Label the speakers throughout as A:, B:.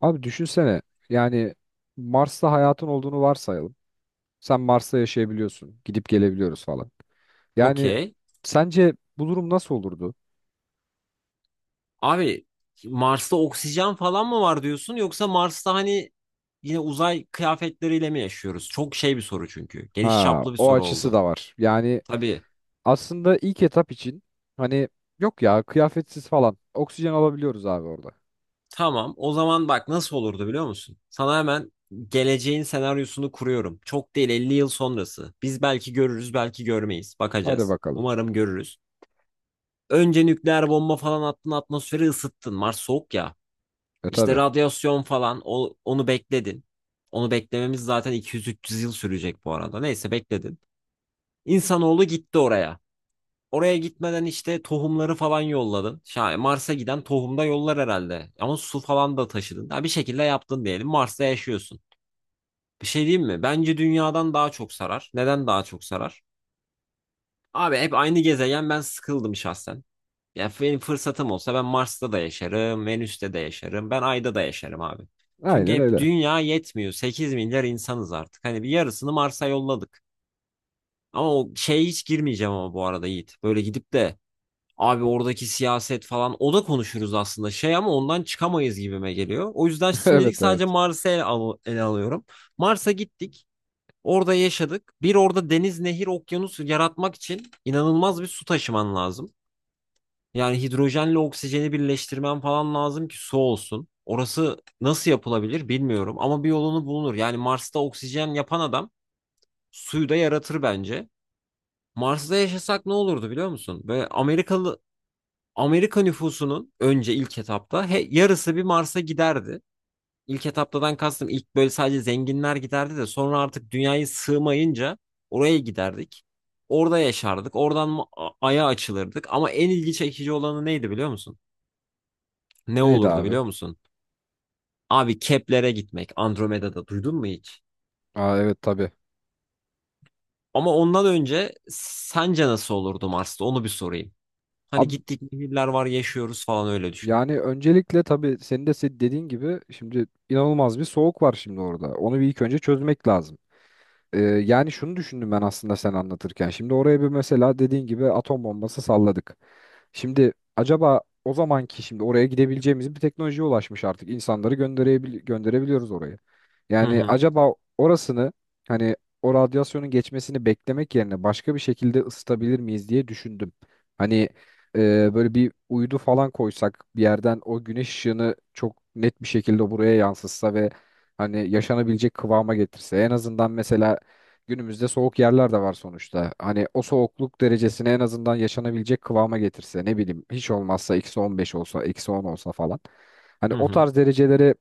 A: Abi düşünsene yani Mars'ta hayatın olduğunu varsayalım. Sen Mars'ta yaşayabiliyorsun. Gidip gelebiliyoruz falan. Yani
B: Okey.
A: sence bu durum nasıl olurdu?
B: Abi Mars'ta oksijen falan mı var diyorsun yoksa Mars'ta hani yine uzay kıyafetleriyle mi yaşıyoruz? Çok şey bir soru çünkü. Geniş
A: Ha,
B: çaplı bir
A: o
B: soru
A: açısı
B: oldu.
A: da var. Yani
B: Tabii.
A: aslında ilk etap için hani yok ya, kıyafetsiz falan oksijen alabiliyoruz abi orada.
B: Tamam. O zaman bak nasıl olurdu biliyor musun? Sana hemen geleceğin senaryosunu kuruyorum. Çok değil 50 yıl sonrası. Biz belki görürüz, belki görmeyiz.
A: Hadi
B: Bakacağız.
A: bakalım.
B: Umarım görürüz. Önce nükleer bomba falan attın, atmosferi ısıttın. Mars soğuk ya.
A: E
B: İşte
A: tabi.
B: radyasyon falan onu bekledin. Onu beklememiz zaten 200-300 yıl sürecek bu arada. Neyse bekledin. İnsanoğlu gitti oraya. Oraya gitmeden işte tohumları falan yolladın. Mars'a giden tohum da yollar herhalde. Ama su falan da taşıdın. Ha, bir şekilde yaptın diyelim. Mars'ta yaşıyorsun. Bir şey diyeyim mi? Bence dünyadan daha çok sarar. Neden daha çok sarar? Abi hep aynı gezegen, ben sıkıldım şahsen. Yani benim fırsatım olsa ben Mars'ta da yaşarım, Venüs'te de yaşarım, ben Ay'da da yaşarım abi. Çünkü
A: Aynen
B: hep
A: öyle.
B: dünya yetmiyor. 8 milyar insanız artık. Hani bir yarısını Mars'a yolladık. Ama o şeye hiç girmeyeceğim ama bu arada Yiğit. Böyle gidip de abi oradaki siyaset falan o da konuşuruz aslında şey, ama ondan çıkamayız gibime geliyor. O yüzden şimdilik
A: Evet,
B: sadece
A: evet.
B: Mars'ı ele alıyorum. Mars'a gittik. Orada yaşadık. Bir orada deniz, nehir, okyanus yaratmak için inanılmaz bir su taşıman lazım. Yani hidrojenle oksijeni birleştirmen falan lazım ki su olsun. Orası nasıl yapılabilir bilmiyorum ama bir yolunu bulunur. Yani Mars'ta oksijen yapan adam suyu da yaratır bence. Mars'ta yaşasak ne olurdu biliyor musun? Ve Amerika nüfusunun önce ilk etapta yarısı bir Mars'a giderdi. İlk etaptadan kastım ilk böyle sadece zenginler giderdi de sonra artık dünyayı sığmayınca oraya giderdik. Orada yaşardık. Oradan Ay'a açılırdık. Ama en ilgi çekici olanı neydi biliyor musun? Ne
A: Neydi
B: olurdu
A: abi?
B: biliyor musun? Abi Kepler'e gitmek, Andromeda'da duydun mu hiç?
A: Aa evet, tabi.
B: Ama ondan önce sence nasıl olurdu Mars'ta, onu bir sorayım. Hani
A: Abi,
B: gittik, nehirler var, yaşıyoruz falan, öyle düşün.
A: yani öncelikle tabii senin de dediğin gibi şimdi inanılmaz bir soğuk var şimdi orada. Onu bir ilk önce çözmek lazım. Yani şunu düşündüm ben aslında sen anlatırken. Şimdi oraya bir mesela dediğin gibi atom bombası salladık. Şimdi acaba o zamanki şimdi oraya gidebileceğimiz bir teknolojiye ulaşmış artık. İnsanları gönderebiliyoruz oraya.
B: Hı
A: Yani
B: hı
A: acaba orasını hani o radyasyonun geçmesini beklemek yerine başka bir şekilde ısıtabilir miyiz diye düşündüm. Hani böyle bir uydu falan koysak bir yerden o güneş ışığını çok net bir şekilde buraya yansıtsa ve hani yaşanabilecek kıvama getirse en azından mesela. Günümüzde soğuk yerler de var sonuçta. Hani o soğukluk derecesini en azından yaşanabilecek kıvama getirse ne bileyim hiç olmazsa eksi 15 olsa, eksi 10 olsa falan. Hani
B: hı
A: o
B: hı.
A: tarz derecelere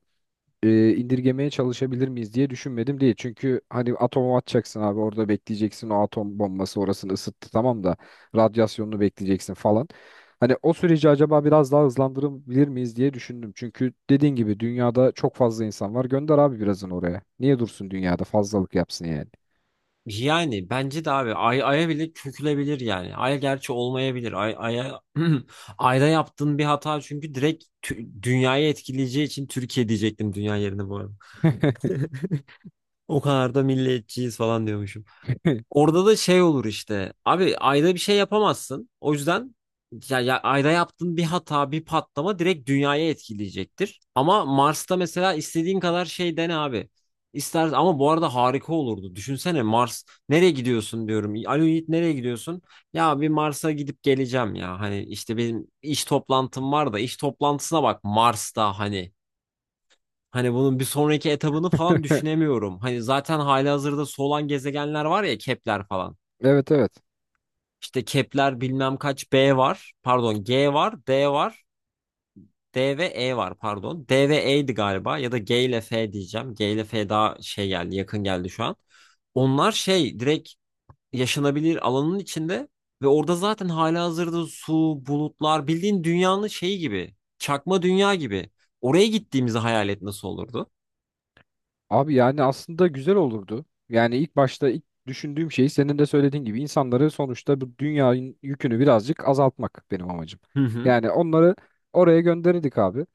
A: indirgemeye çalışabilir miyiz diye düşünmedim değil. Çünkü hani atomu atacaksın abi orada bekleyeceksin, o atom bombası orasını ısıttı tamam da radyasyonunu bekleyeceksin falan. Hani o süreci acaba biraz daha hızlandırabilir miyiz diye düşündüm. Çünkü dediğin gibi dünyada çok fazla insan var. Gönder abi birazını oraya. Niye dursun dünyada fazlalık yapsın yani.
B: Yani bence de abi aya bile çökülebilir yani. Ay gerçi olmayabilir. Ay, aya ayda yaptığın bir hata çünkü direkt dünyayı etkileyeceği için, Türkiye diyecektim dünya yerine bu arada. O kadar da milliyetçiyiz falan diyormuşum. Orada da şey olur işte. Abi ayda bir şey yapamazsın. O yüzden ya ayda yaptığın bir hata, bir patlama direkt dünyaya etkileyecektir. Ama Mars'ta mesela istediğin kadar şey dene abi. İster, ama bu arada harika olurdu. Düşünsene Mars, nereye gidiyorsun diyorum. Alo Yiğit, nereye gidiyorsun? Ya bir Mars'a gidip geleceğim ya. Hani işte benim iş toplantım var da, iş toplantısına bak Mars'ta hani. Hani bunun bir sonraki etabını falan düşünemiyorum. Hani zaten halihazırda solan gezegenler var ya, Kepler falan.
A: Evet, evet.
B: İşte Kepler bilmem kaç B var. Pardon, G var, D var. D ve E var pardon. D ve E'ydi galiba, ya da G ile F diyeceğim. G ile F daha şey geldi, yakın geldi şu an. Onlar şey, direkt yaşanabilir alanın içinde ve orada zaten halihazırda su, bulutlar, bildiğin dünyanın şeyi gibi. Çakma dünya gibi. Oraya gittiğimizi hayal et, nasıl olurdu?
A: Abi yani aslında güzel olurdu. Yani ilk başta ilk düşündüğüm şey senin de söylediğin gibi insanları sonuçta, bu dünyanın yükünü birazcık azaltmak benim amacım.
B: Hı hı.
A: Yani onları oraya gönderirdik abi.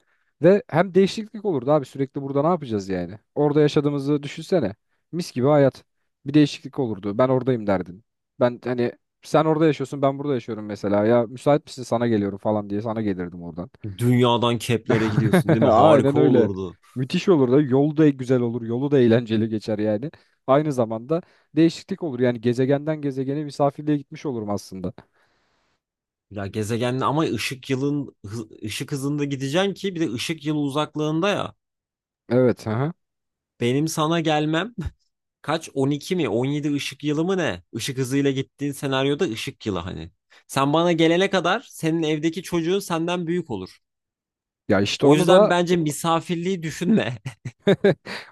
A: Ve hem değişiklik olurdu abi, sürekli burada ne yapacağız yani? Orada yaşadığımızı düşünsene. Mis gibi hayat. Bir değişiklik olurdu. Ben oradayım derdin. Ben hani sen orada yaşıyorsun ben burada yaşıyorum mesela. Ya müsait misin, sana geliyorum falan diye sana gelirdim oradan.
B: Dünyadan Kepler'e gidiyorsun değil mi?
A: Aynen
B: Harika
A: öyle.
B: olurdu.
A: Müthiş olur da yolu da güzel olur. Yolu da eğlenceli geçer yani. Aynı zamanda değişiklik olur. Yani gezegenden gezegene misafirliğe gitmiş olurum aslında.
B: Ya gezegenle ama ışık hızında gideceksin ki, bir de ışık yılı uzaklığında ya.
A: Evet. Aha.
B: Benim sana gelmem kaç, 12 mi 17 ışık yılı mı ne? Işık hızıyla gittiğin senaryoda ışık yılı hani. Sen bana gelene kadar senin evdeki çocuğun senden büyük olur.
A: Ya işte
B: O
A: onu
B: yüzden
A: da
B: bence misafirliği düşünme.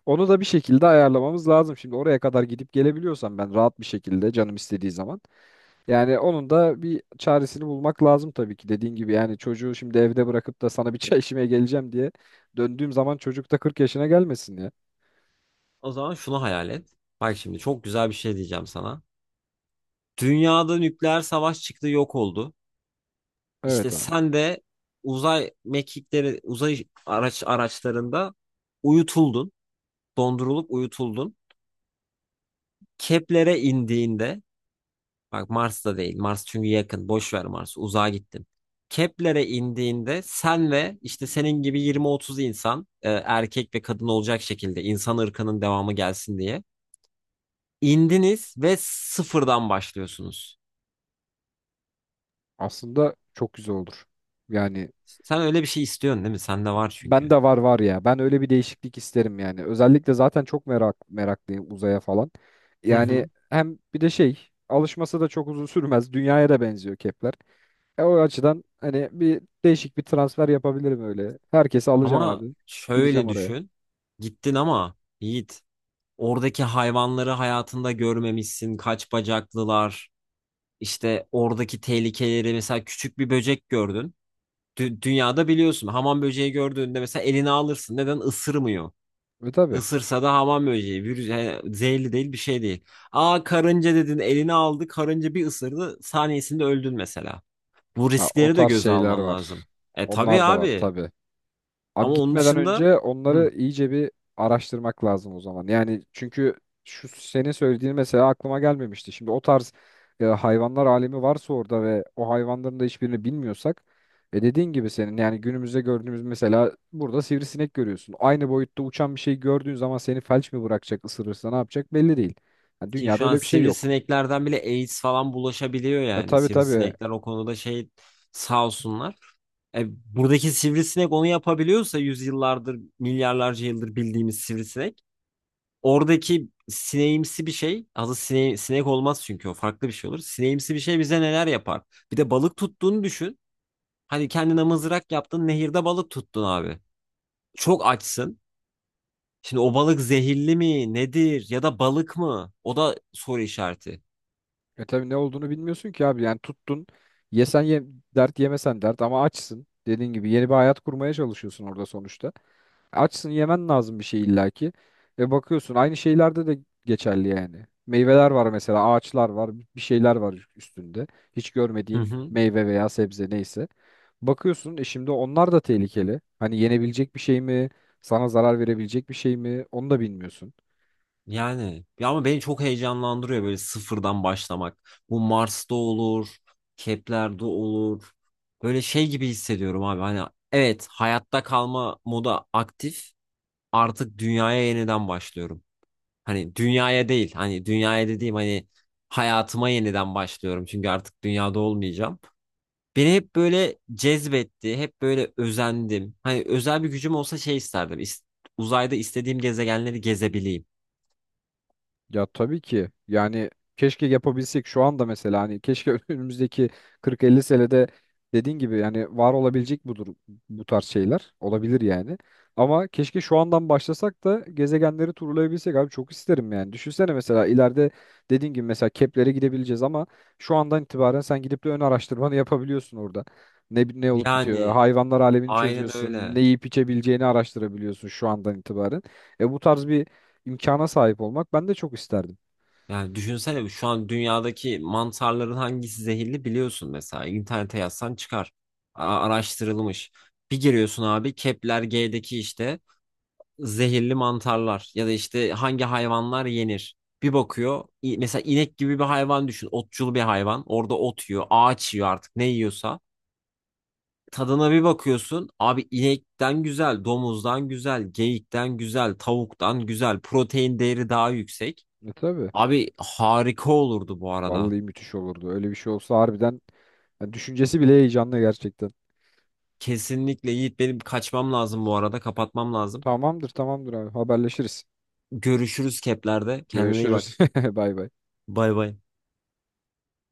A: onu da bir şekilde ayarlamamız lazım. Şimdi oraya kadar gidip gelebiliyorsam ben rahat bir şekilde canım istediği zaman. Yani onun da bir çaresini bulmak lazım tabii ki. Dediğin gibi yani çocuğu şimdi evde bırakıp da sana bir çay içmeye geleceğim diye döndüğüm zaman çocuk da 40 yaşına gelmesin ya.
B: O zaman şunu hayal et. Bak şimdi çok güzel bir şey diyeceğim sana. Dünyada nükleer savaş çıktı, yok oldu.
A: Evet,
B: İşte
A: ha.
B: sen de uzay mekikleri, uzay araçlarında uyutuldun, dondurulup uyutuldun. Kepler'e indiğinde, bak Mars'ta değil, Mars çünkü yakın, boş ver Mars, uzağa gittin. Kepler'e indiğinde sen ve işte senin gibi 20-30 insan, erkek ve kadın olacak şekilde, insan ırkının devamı gelsin diye indiniz ve sıfırdan başlıyorsunuz.
A: Aslında çok güzel olur. Yani
B: Sen öyle bir şey istiyorsun değil mi? Sende var
A: ben
B: çünkü.
A: de var var ya. Ben öyle bir değişiklik isterim yani. Özellikle zaten çok meraklıyım uzaya falan. Yani hem bir de şey, alışması da çok uzun sürmez. Dünyaya da benziyor Kepler. E, o açıdan hani bir değişik bir transfer yapabilirim öyle. Herkesi alacağım abi.
B: Ama
A: Gideceğim
B: şöyle
A: oraya.
B: düşün. Gittin ama Yiğit, oradaki hayvanları hayatında görmemişsin. Kaç bacaklılar, işte oradaki tehlikeleri, mesela küçük bir böcek gördün. Dünyada biliyorsun hamam böceği gördüğünde mesela elini alırsın. Neden ısırmıyor?
A: Ve tabii.
B: Isırsa da hamam böceği virüs, yani zehirli değil, bir şey değil. Aa, karınca dedin, elini aldı, karınca bir ısırdı saniyesinde öldün mesela. Bu
A: Ha, o
B: riskleri de
A: tarz
B: göze
A: şeyler
B: alman
A: var.
B: lazım. E tabii
A: Onlar da var
B: abi,
A: tabii. Abi
B: ama onun
A: gitmeden
B: dışında
A: önce
B: hı.
A: onları iyice bir araştırmak lazım o zaman. Yani çünkü şu senin söylediğin mesela aklıma gelmemişti. Şimdi o tarz hayvanlar alemi varsa orada ve o hayvanların da hiçbirini bilmiyorsak, e dediğin gibi senin yani günümüzde gördüğümüz mesela burada sivrisinek görüyorsun. Aynı boyutta uçan bir şey gördüğün zaman seni felç mi bırakacak, ısırırsa ne yapacak belli değil. Yani
B: Ki
A: dünyada
B: şu an
A: öyle bir şey yok.
B: sivrisineklerden bile AIDS falan bulaşabiliyor
A: E
B: yani.
A: tabii, tabii.
B: Sivrisinekler o konuda şey, sağ olsunlar. E, buradaki sivrisinek onu yapabiliyorsa yüzyıllardır, milyarlarca yıldır bildiğimiz sivrisinek. Oradaki sineğimsi bir şey, adı sinek olmaz çünkü o, farklı bir şey olur. Sineğimsi bir şey bize neler yapar? Bir de balık tuttuğunu düşün. Hani kendine mızrak yaptın, nehirde balık tuttun abi. Çok açsın. Şimdi o balık zehirli mi, nedir, ya da balık mı? O da soru işareti.
A: E tabii ne olduğunu bilmiyorsun ki abi. Yani tuttun. Yesen ye, dert; yemesen dert ama açsın. Dediğin gibi yeni bir hayat kurmaya çalışıyorsun orada sonuçta. Açsın, yemen lazım bir şey illaki. Ve bakıyorsun aynı şeylerde de geçerli yani. Meyveler var mesela, ağaçlar var, bir şeyler var üstünde. Hiç
B: Hı
A: görmediğin
B: hı.
A: meyve veya sebze neyse. Bakıyorsun e şimdi onlar da tehlikeli. Hani yenebilecek bir şey mi? Sana zarar verebilecek bir şey mi? Onu da bilmiyorsun.
B: Yani ya ama beni çok heyecanlandırıyor böyle sıfırdan başlamak. Bu Mars'ta olur, Kepler'de olur. Böyle şey gibi hissediyorum abi. Hani evet, hayatta kalma moda aktif. Artık dünyaya yeniden başlıyorum. Hani dünyaya değil, hani dünyaya dediğim hani hayatıma yeniden başlıyorum. Çünkü artık dünyada olmayacağım. Beni hep böyle cezbetti, hep böyle özendim. Hani özel bir gücüm olsa şey isterdim, uzayda istediğim gezegenleri gezebileyim.
A: Ya tabii ki. Yani keşke yapabilsek şu anda, mesela hani keşke önümüzdeki 40-50 senede dediğin gibi yani var olabilecek budur, bu tarz şeyler. Olabilir yani. Ama keşke şu andan başlasak da gezegenleri turlayabilsek abi, çok isterim yani. Düşünsene mesela ileride dediğin gibi mesela Kepler'e gidebileceğiz ama şu andan itibaren sen gidip de ön araştırmanı yapabiliyorsun orada. Ne olup bitiyor?
B: Yani
A: Hayvanlar alemini
B: aynen
A: çözüyorsun. Ne
B: öyle.
A: yiyip içebileceğini araştırabiliyorsun şu andan itibaren. E bu tarz bir imkana sahip olmak ben de çok isterdim.
B: Yani düşünsene, şu an dünyadaki mantarların hangisi zehirli biliyorsun mesela. İnternete yazsan çıkar. Araştırılmış. Bir giriyorsun abi Kepler G'deki işte zehirli mantarlar ya da işte hangi hayvanlar yenir. Bir bakıyor, mesela inek gibi bir hayvan düşün. Otçul bir hayvan. Orada ot yiyor, ağaç yiyor, artık ne yiyorsa. Tadına bir bakıyorsun abi, inekten güzel, domuzdan güzel, geyikten güzel, tavuktan güzel. Protein değeri daha yüksek.
A: E tabii.
B: Abi harika olurdu bu arada.
A: Vallahi müthiş olurdu. Öyle bir şey olsa harbiden yani düşüncesi bile heyecanlı gerçekten.
B: Kesinlikle Yiğit, benim kaçmam lazım bu arada, kapatmam lazım.
A: Tamamdır, tamamdır abi, haberleşiriz.
B: Görüşürüz keplerde. Kendine iyi bak.
A: Görüşürüz. Bay bay.
B: Bay bay.